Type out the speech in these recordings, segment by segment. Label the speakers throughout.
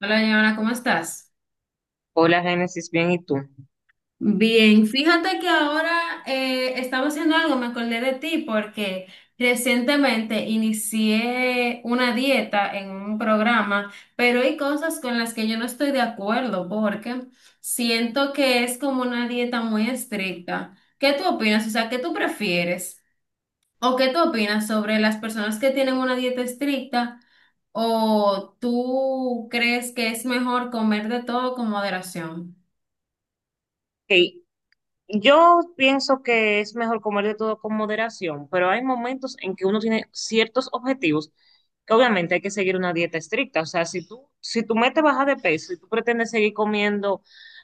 Speaker 1: Hola, Joana, ¿cómo estás?
Speaker 2: Hola, Génesis, bien, ¿y tú?
Speaker 1: Bien, fíjate que ahora estaba haciendo algo, me acordé de ti porque recientemente inicié una dieta en un programa, pero hay cosas con las que yo no estoy de acuerdo porque siento que es como una dieta muy estricta. ¿Qué tú opinas? O sea, ¿qué tú prefieres? ¿O qué tú opinas sobre las personas que tienen una dieta estricta? ¿O tú crees que es mejor comer de todo con moderación?
Speaker 2: Hey, yo pienso que es mejor comer de todo con moderación, pero hay momentos en que uno tiene ciertos objetivos que obviamente hay que seguir una dieta estricta. O sea, si tu meta es bajar de peso y tú pretendes seguir comiendo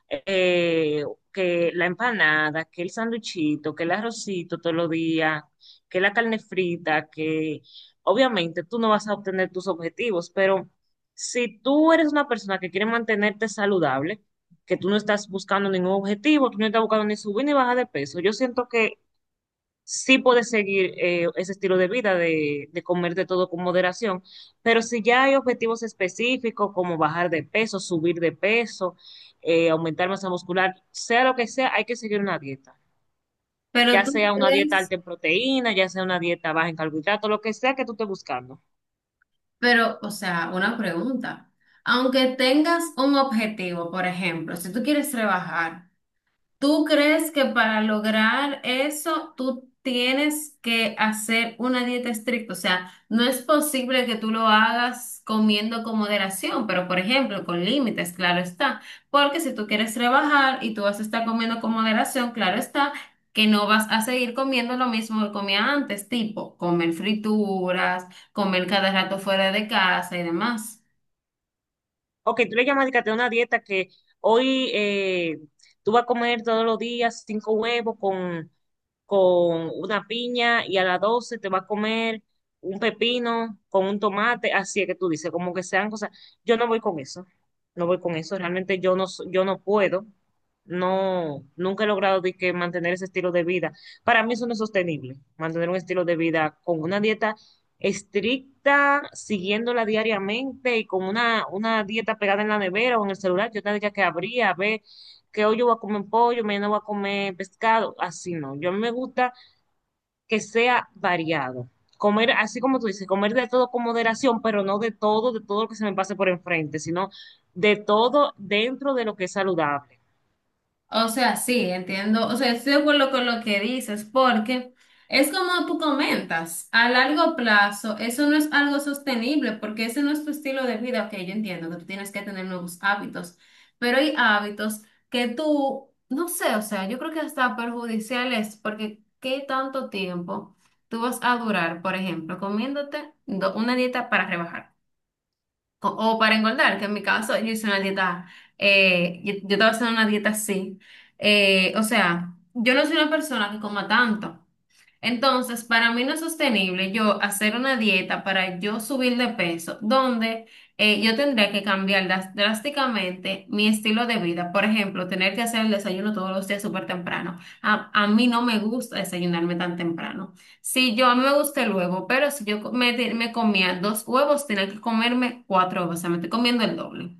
Speaker 2: eh, que la empanada, que el sanduchito, que el arrocito todos los días, que la carne frita, que obviamente tú no vas a obtener tus objetivos, pero si tú eres una persona que quiere mantenerte saludable, que tú no estás buscando ningún objetivo, tú no estás buscando ni subir ni bajar de peso. Yo siento que sí puedes seguir ese estilo de vida de comer de todo con moderación, pero si ya hay objetivos específicos como bajar de peso, subir de peso, aumentar masa muscular, sea lo que sea, hay que seguir una dieta.
Speaker 1: Pero
Speaker 2: Ya
Speaker 1: tú
Speaker 2: sea una dieta
Speaker 1: crees,
Speaker 2: alta en proteína, ya sea una dieta baja en carbohidratos, lo que sea que tú estés buscando.
Speaker 1: o sea, una pregunta. Aunque tengas un objetivo, por ejemplo, si tú quieres rebajar, ¿tú crees que para lograr eso tú tienes que hacer una dieta estricta? O sea, no es posible que tú lo hagas comiendo con moderación, pero por ejemplo, con límites, claro está. Porque si tú quieres rebajar y tú vas a estar comiendo con moderación, claro está que no vas a seguir comiendo lo mismo que comía antes, tipo comer frituras, comer cada rato fuera de casa y demás.
Speaker 2: Ok, tú le llamas de que te una dieta que hoy tú vas a comer todos los días cinco huevos con una piña y a las 12 te vas a comer un pepino con un tomate, así es que tú dices, como que sean cosas. Yo no voy con eso, no voy con eso, realmente yo no puedo, no, nunca he logrado de que mantener ese estilo de vida. Para mí eso no es sostenible, mantener un estilo de vida con una dieta estricta, siguiéndola diariamente y con una dieta pegada en la nevera o en el celular, yo tendría que abrir a ver que hoy yo voy a comer pollo, mañana voy a comer pescado, así no. Yo a mí me gusta que sea variado. Comer, así como tú dices, comer de todo con moderación, pero no de todo, de todo lo que se me pase por enfrente, sino de todo dentro de lo que es saludable.
Speaker 1: O sea, sí, entiendo. O sea, estoy de acuerdo con lo que dices, porque es como tú comentas, a largo plazo, eso no es algo sostenible, porque ese no es tu estilo de vida. Ok, yo entiendo que tú tienes que tener nuevos hábitos, pero hay hábitos que tú, no sé, o sea, yo creo que hasta perjudiciales, porque ¿qué tanto tiempo tú vas a durar, por ejemplo, una dieta para rebajar? O, o para engordar, que en mi caso yo hice una dieta, yo estaba haciendo una dieta así. O sea, yo no soy una persona que coma tanto. Entonces, para mí no es sostenible yo hacer una dieta para yo subir de peso, donde yo tendría que cambiar drásticamente mi estilo de vida. Por ejemplo, tener que hacer el desayuno todos los días súper temprano. A mí no me gusta desayunarme tan temprano. Si yo, a mí me gusta el huevo, pero si me comía dos huevos, tenía que comerme cuatro huevos, o sea, me estoy comiendo el doble.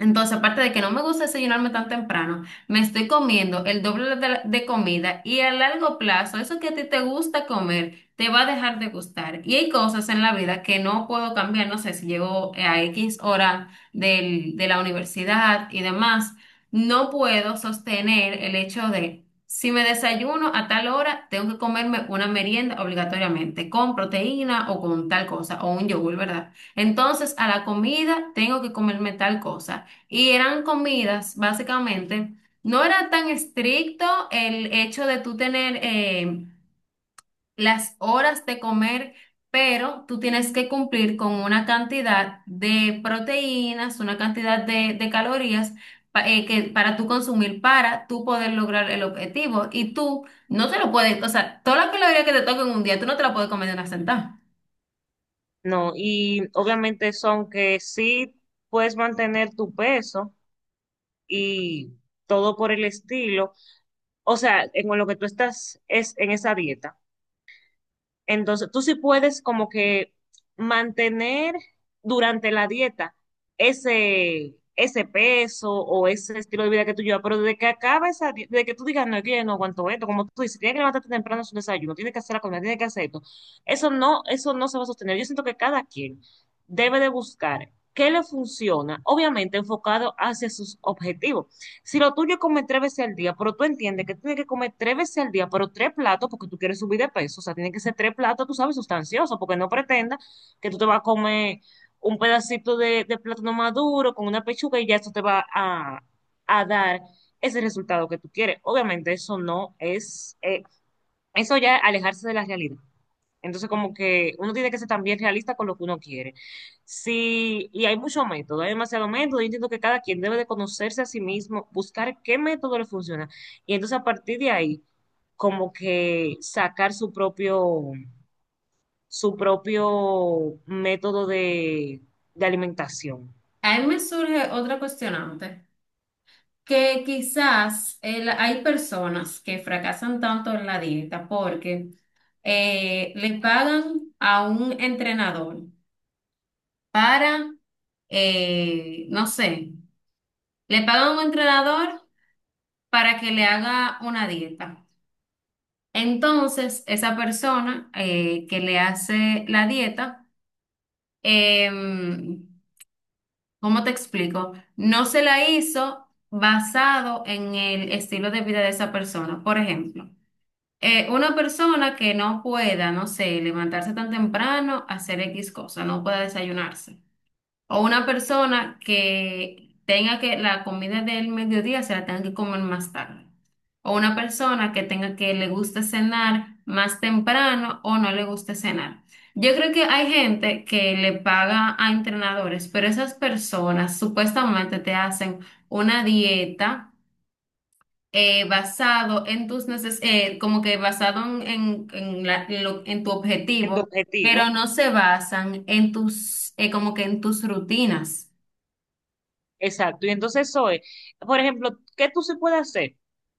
Speaker 1: Entonces, aparte de que no me gusta desayunarme tan temprano, me estoy comiendo el doble de comida y a largo plazo, eso que a ti te gusta comer, te va a dejar de gustar. Y hay cosas en la vida que no puedo cambiar, no sé, si llego a X hora de la universidad y demás, no puedo sostener el hecho de, si me desayuno a tal hora, tengo que comerme una merienda obligatoriamente, con proteína o con tal cosa, o un yogur, ¿verdad? Entonces, a la comida tengo que comerme tal cosa. Y eran comidas, básicamente. No era tan estricto el hecho de tú tener las horas de comer, pero tú tienes que cumplir con una cantidad de proteínas, una cantidad de calorías para tú consumir, para tú poder lograr el objetivo. Y tú no te lo puedes, o sea, toda la caloría que te toca en un día, tú no te la puedes comer de una sentada.
Speaker 2: No, y obviamente son que sí puedes mantener tu peso y todo por el estilo, o sea, en lo que tú estás es en esa dieta. Entonces, tú sí puedes como que mantener durante la dieta ese peso o ese estilo de vida que tú llevas, pero desde que acaba esa dieta, desde que tú digas, no, es que yo no aguanto esto, como tú dices, tienes que levantarte temprano a su desayuno, tienes que hacer la comida, tienes que hacer esto, eso no se va a sostener. Yo siento que cada quien debe de buscar qué le funciona, obviamente enfocado hacia sus objetivos, si lo tuyo es comer tres veces al día, pero tú entiendes que tienes que comer tres veces al día, pero tres platos porque tú quieres subir de peso. O sea, tiene que ser tres platos, tú sabes, sustanciosos, porque no pretendas que tú te vas a comer un pedacito de plátano maduro con una pechuga y ya eso te va a dar ese resultado que tú quieres. Obviamente eso no es, eso ya es alejarse de la realidad. Entonces, como que uno tiene que ser también realista con lo que uno quiere. Sí, y hay muchos métodos, hay demasiados métodos. Yo entiendo que cada quien debe de conocerse a sí mismo, buscar qué método le funciona. Y entonces, a partir de ahí, como que sacar su propio método de alimentación
Speaker 1: A mí me surge otra cuestionante, que quizás hay personas que fracasan tanto en la dieta porque le pagan a un entrenador para, no sé, le pagan a un entrenador para que le haga una dieta. Entonces, esa persona que le hace la dieta, em, ¿cómo te explico? No se la hizo basado en el estilo de vida de esa persona. Por ejemplo, una persona que no pueda, no sé, levantarse tan temprano, hacer X cosa, no pueda desayunarse. O una persona que tenga que la comida del mediodía se la tenga que comer más tarde. O una persona que tenga que le guste cenar más temprano o no le guste cenar. Yo creo que hay gente que le paga a entrenadores, pero esas personas supuestamente te hacen una dieta basado en tus neces como que basado en la- en lo- en tu
Speaker 2: en tu
Speaker 1: objetivo, pero
Speaker 2: objetivo.
Speaker 1: no se basan en como que en tus rutinas.
Speaker 2: Exacto, y entonces eso es, por ejemplo, ¿qué tú sí puedes hacer?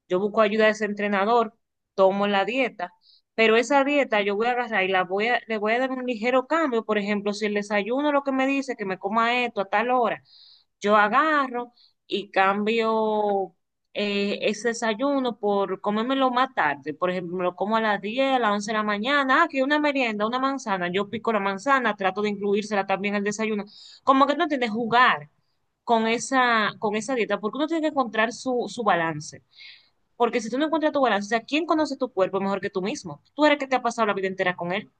Speaker 2: Yo busco ayuda de ese entrenador, tomo la dieta, pero esa dieta yo voy a agarrar y la voy a, le voy a dar un ligero cambio, por ejemplo, si el desayuno lo que me dice que me coma esto a tal hora, yo agarro y cambio ese desayuno por comérmelo más tarde, por ejemplo, me lo como a las 10, a las 11 de la mañana, ah, que una merienda, una manzana, yo pico la manzana, trato de incluírsela también al desayuno, como que no tienes jugar con esa dieta, porque uno tiene que encontrar su balance. Porque si tú no encuentras tu balance, o sea, ¿quién conoce tu cuerpo mejor que tú mismo? Tú eres que te ha pasado la vida entera con él.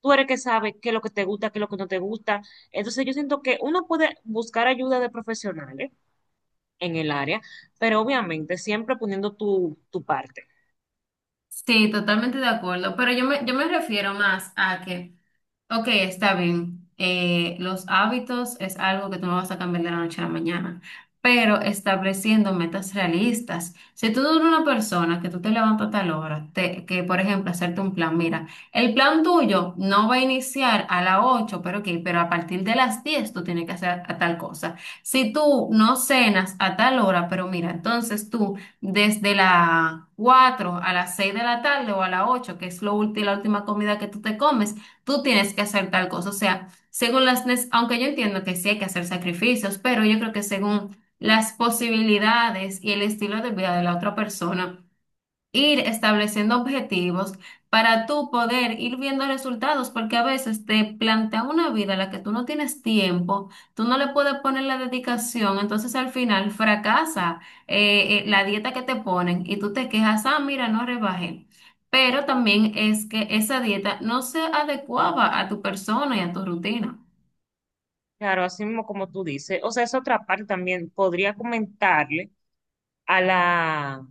Speaker 2: Tú eres que sabe qué es lo que te gusta, qué es lo que no te gusta. Entonces yo siento que uno puede buscar ayuda de profesionales en el área, pero obviamente siempre poniendo tu parte.
Speaker 1: Sí, totalmente de acuerdo, pero yo me refiero más a que. Ok, está bien. Los hábitos es algo que tú no vas a cambiar de la noche a la mañana, pero estableciendo metas realistas. Si tú eres una persona que tú te levantas a tal hora, que por ejemplo hacerte un plan, mira, el plan tuyo no va a iniciar a las 8, pero ok, pero a partir de las 10 tú tienes que hacer a tal cosa. Si tú no cenas a tal hora, pero mira, entonces tú desde las 4 a las 6 de la tarde o a las 8, que es lo la última comida que tú te comes, tú tienes que hacer tal cosa. O sea, según aunque yo entiendo que sí hay que hacer sacrificios, pero yo creo que según las posibilidades y el estilo de vida de la otra persona, ir estableciendo objetivos para tú poder ir viendo resultados, porque a veces te plantea una vida a la que tú no tienes tiempo, tú no le puedes poner la dedicación, entonces al final fracasa la dieta que te ponen y tú te quejas, ah, mira, no rebajé. Pero también es que esa dieta no se adecuaba a tu persona y a tu rutina.
Speaker 2: Claro, así mismo como tú dices. O sea, esa otra parte también podría comentarle a la,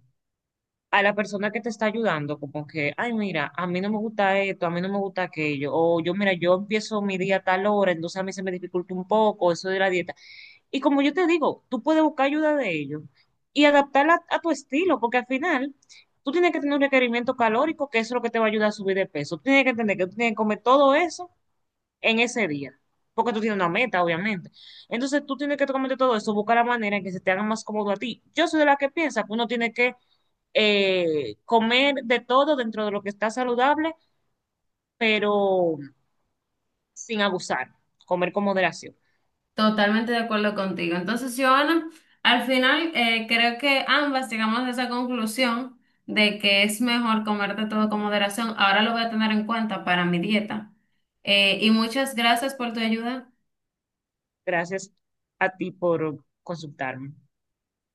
Speaker 2: a la persona que te está ayudando, como que, ay, mira, a mí no me gusta esto, a mí no me gusta aquello, o yo, mira, yo empiezo mi día a tal hora, entonces a mí se me dificulta un poco eso de la dieta. Y como yo te digo, tú puedes buscar ayuda de ellos y adaptarla a tu estilo, porque al final tú tienes que tener un requerimiento calórico, que eso es lo que te va a ayudar a subir de peso. Tú tienes que entender que tú tienes que comer todo eso en ese día, porque tú tienes una meta, obviamente. Entonces tú tienes que totalmente todo eso, buscar la manera en que se te haga más cómodo a ti. Yo soy de la que piensa que uno tiene que comer de todo dentro de lo que está saludable, pero sin abusar, comer con moderación.
Speaker 1: Totalmente de acuerdo contigo. Entonces, Joana, al final creo que ambas llegamos a esa conclusión de que es mejor comerte todo con moderación. Ahora lo voy a tener en cuenta para mi dieta. Y muchas gracias por tu ayuda.
Speaker 2: Gracias a ti por consultarme.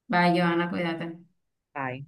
Speaker 1: Bye, Joana, cuídate.
Speaker 2: Bye.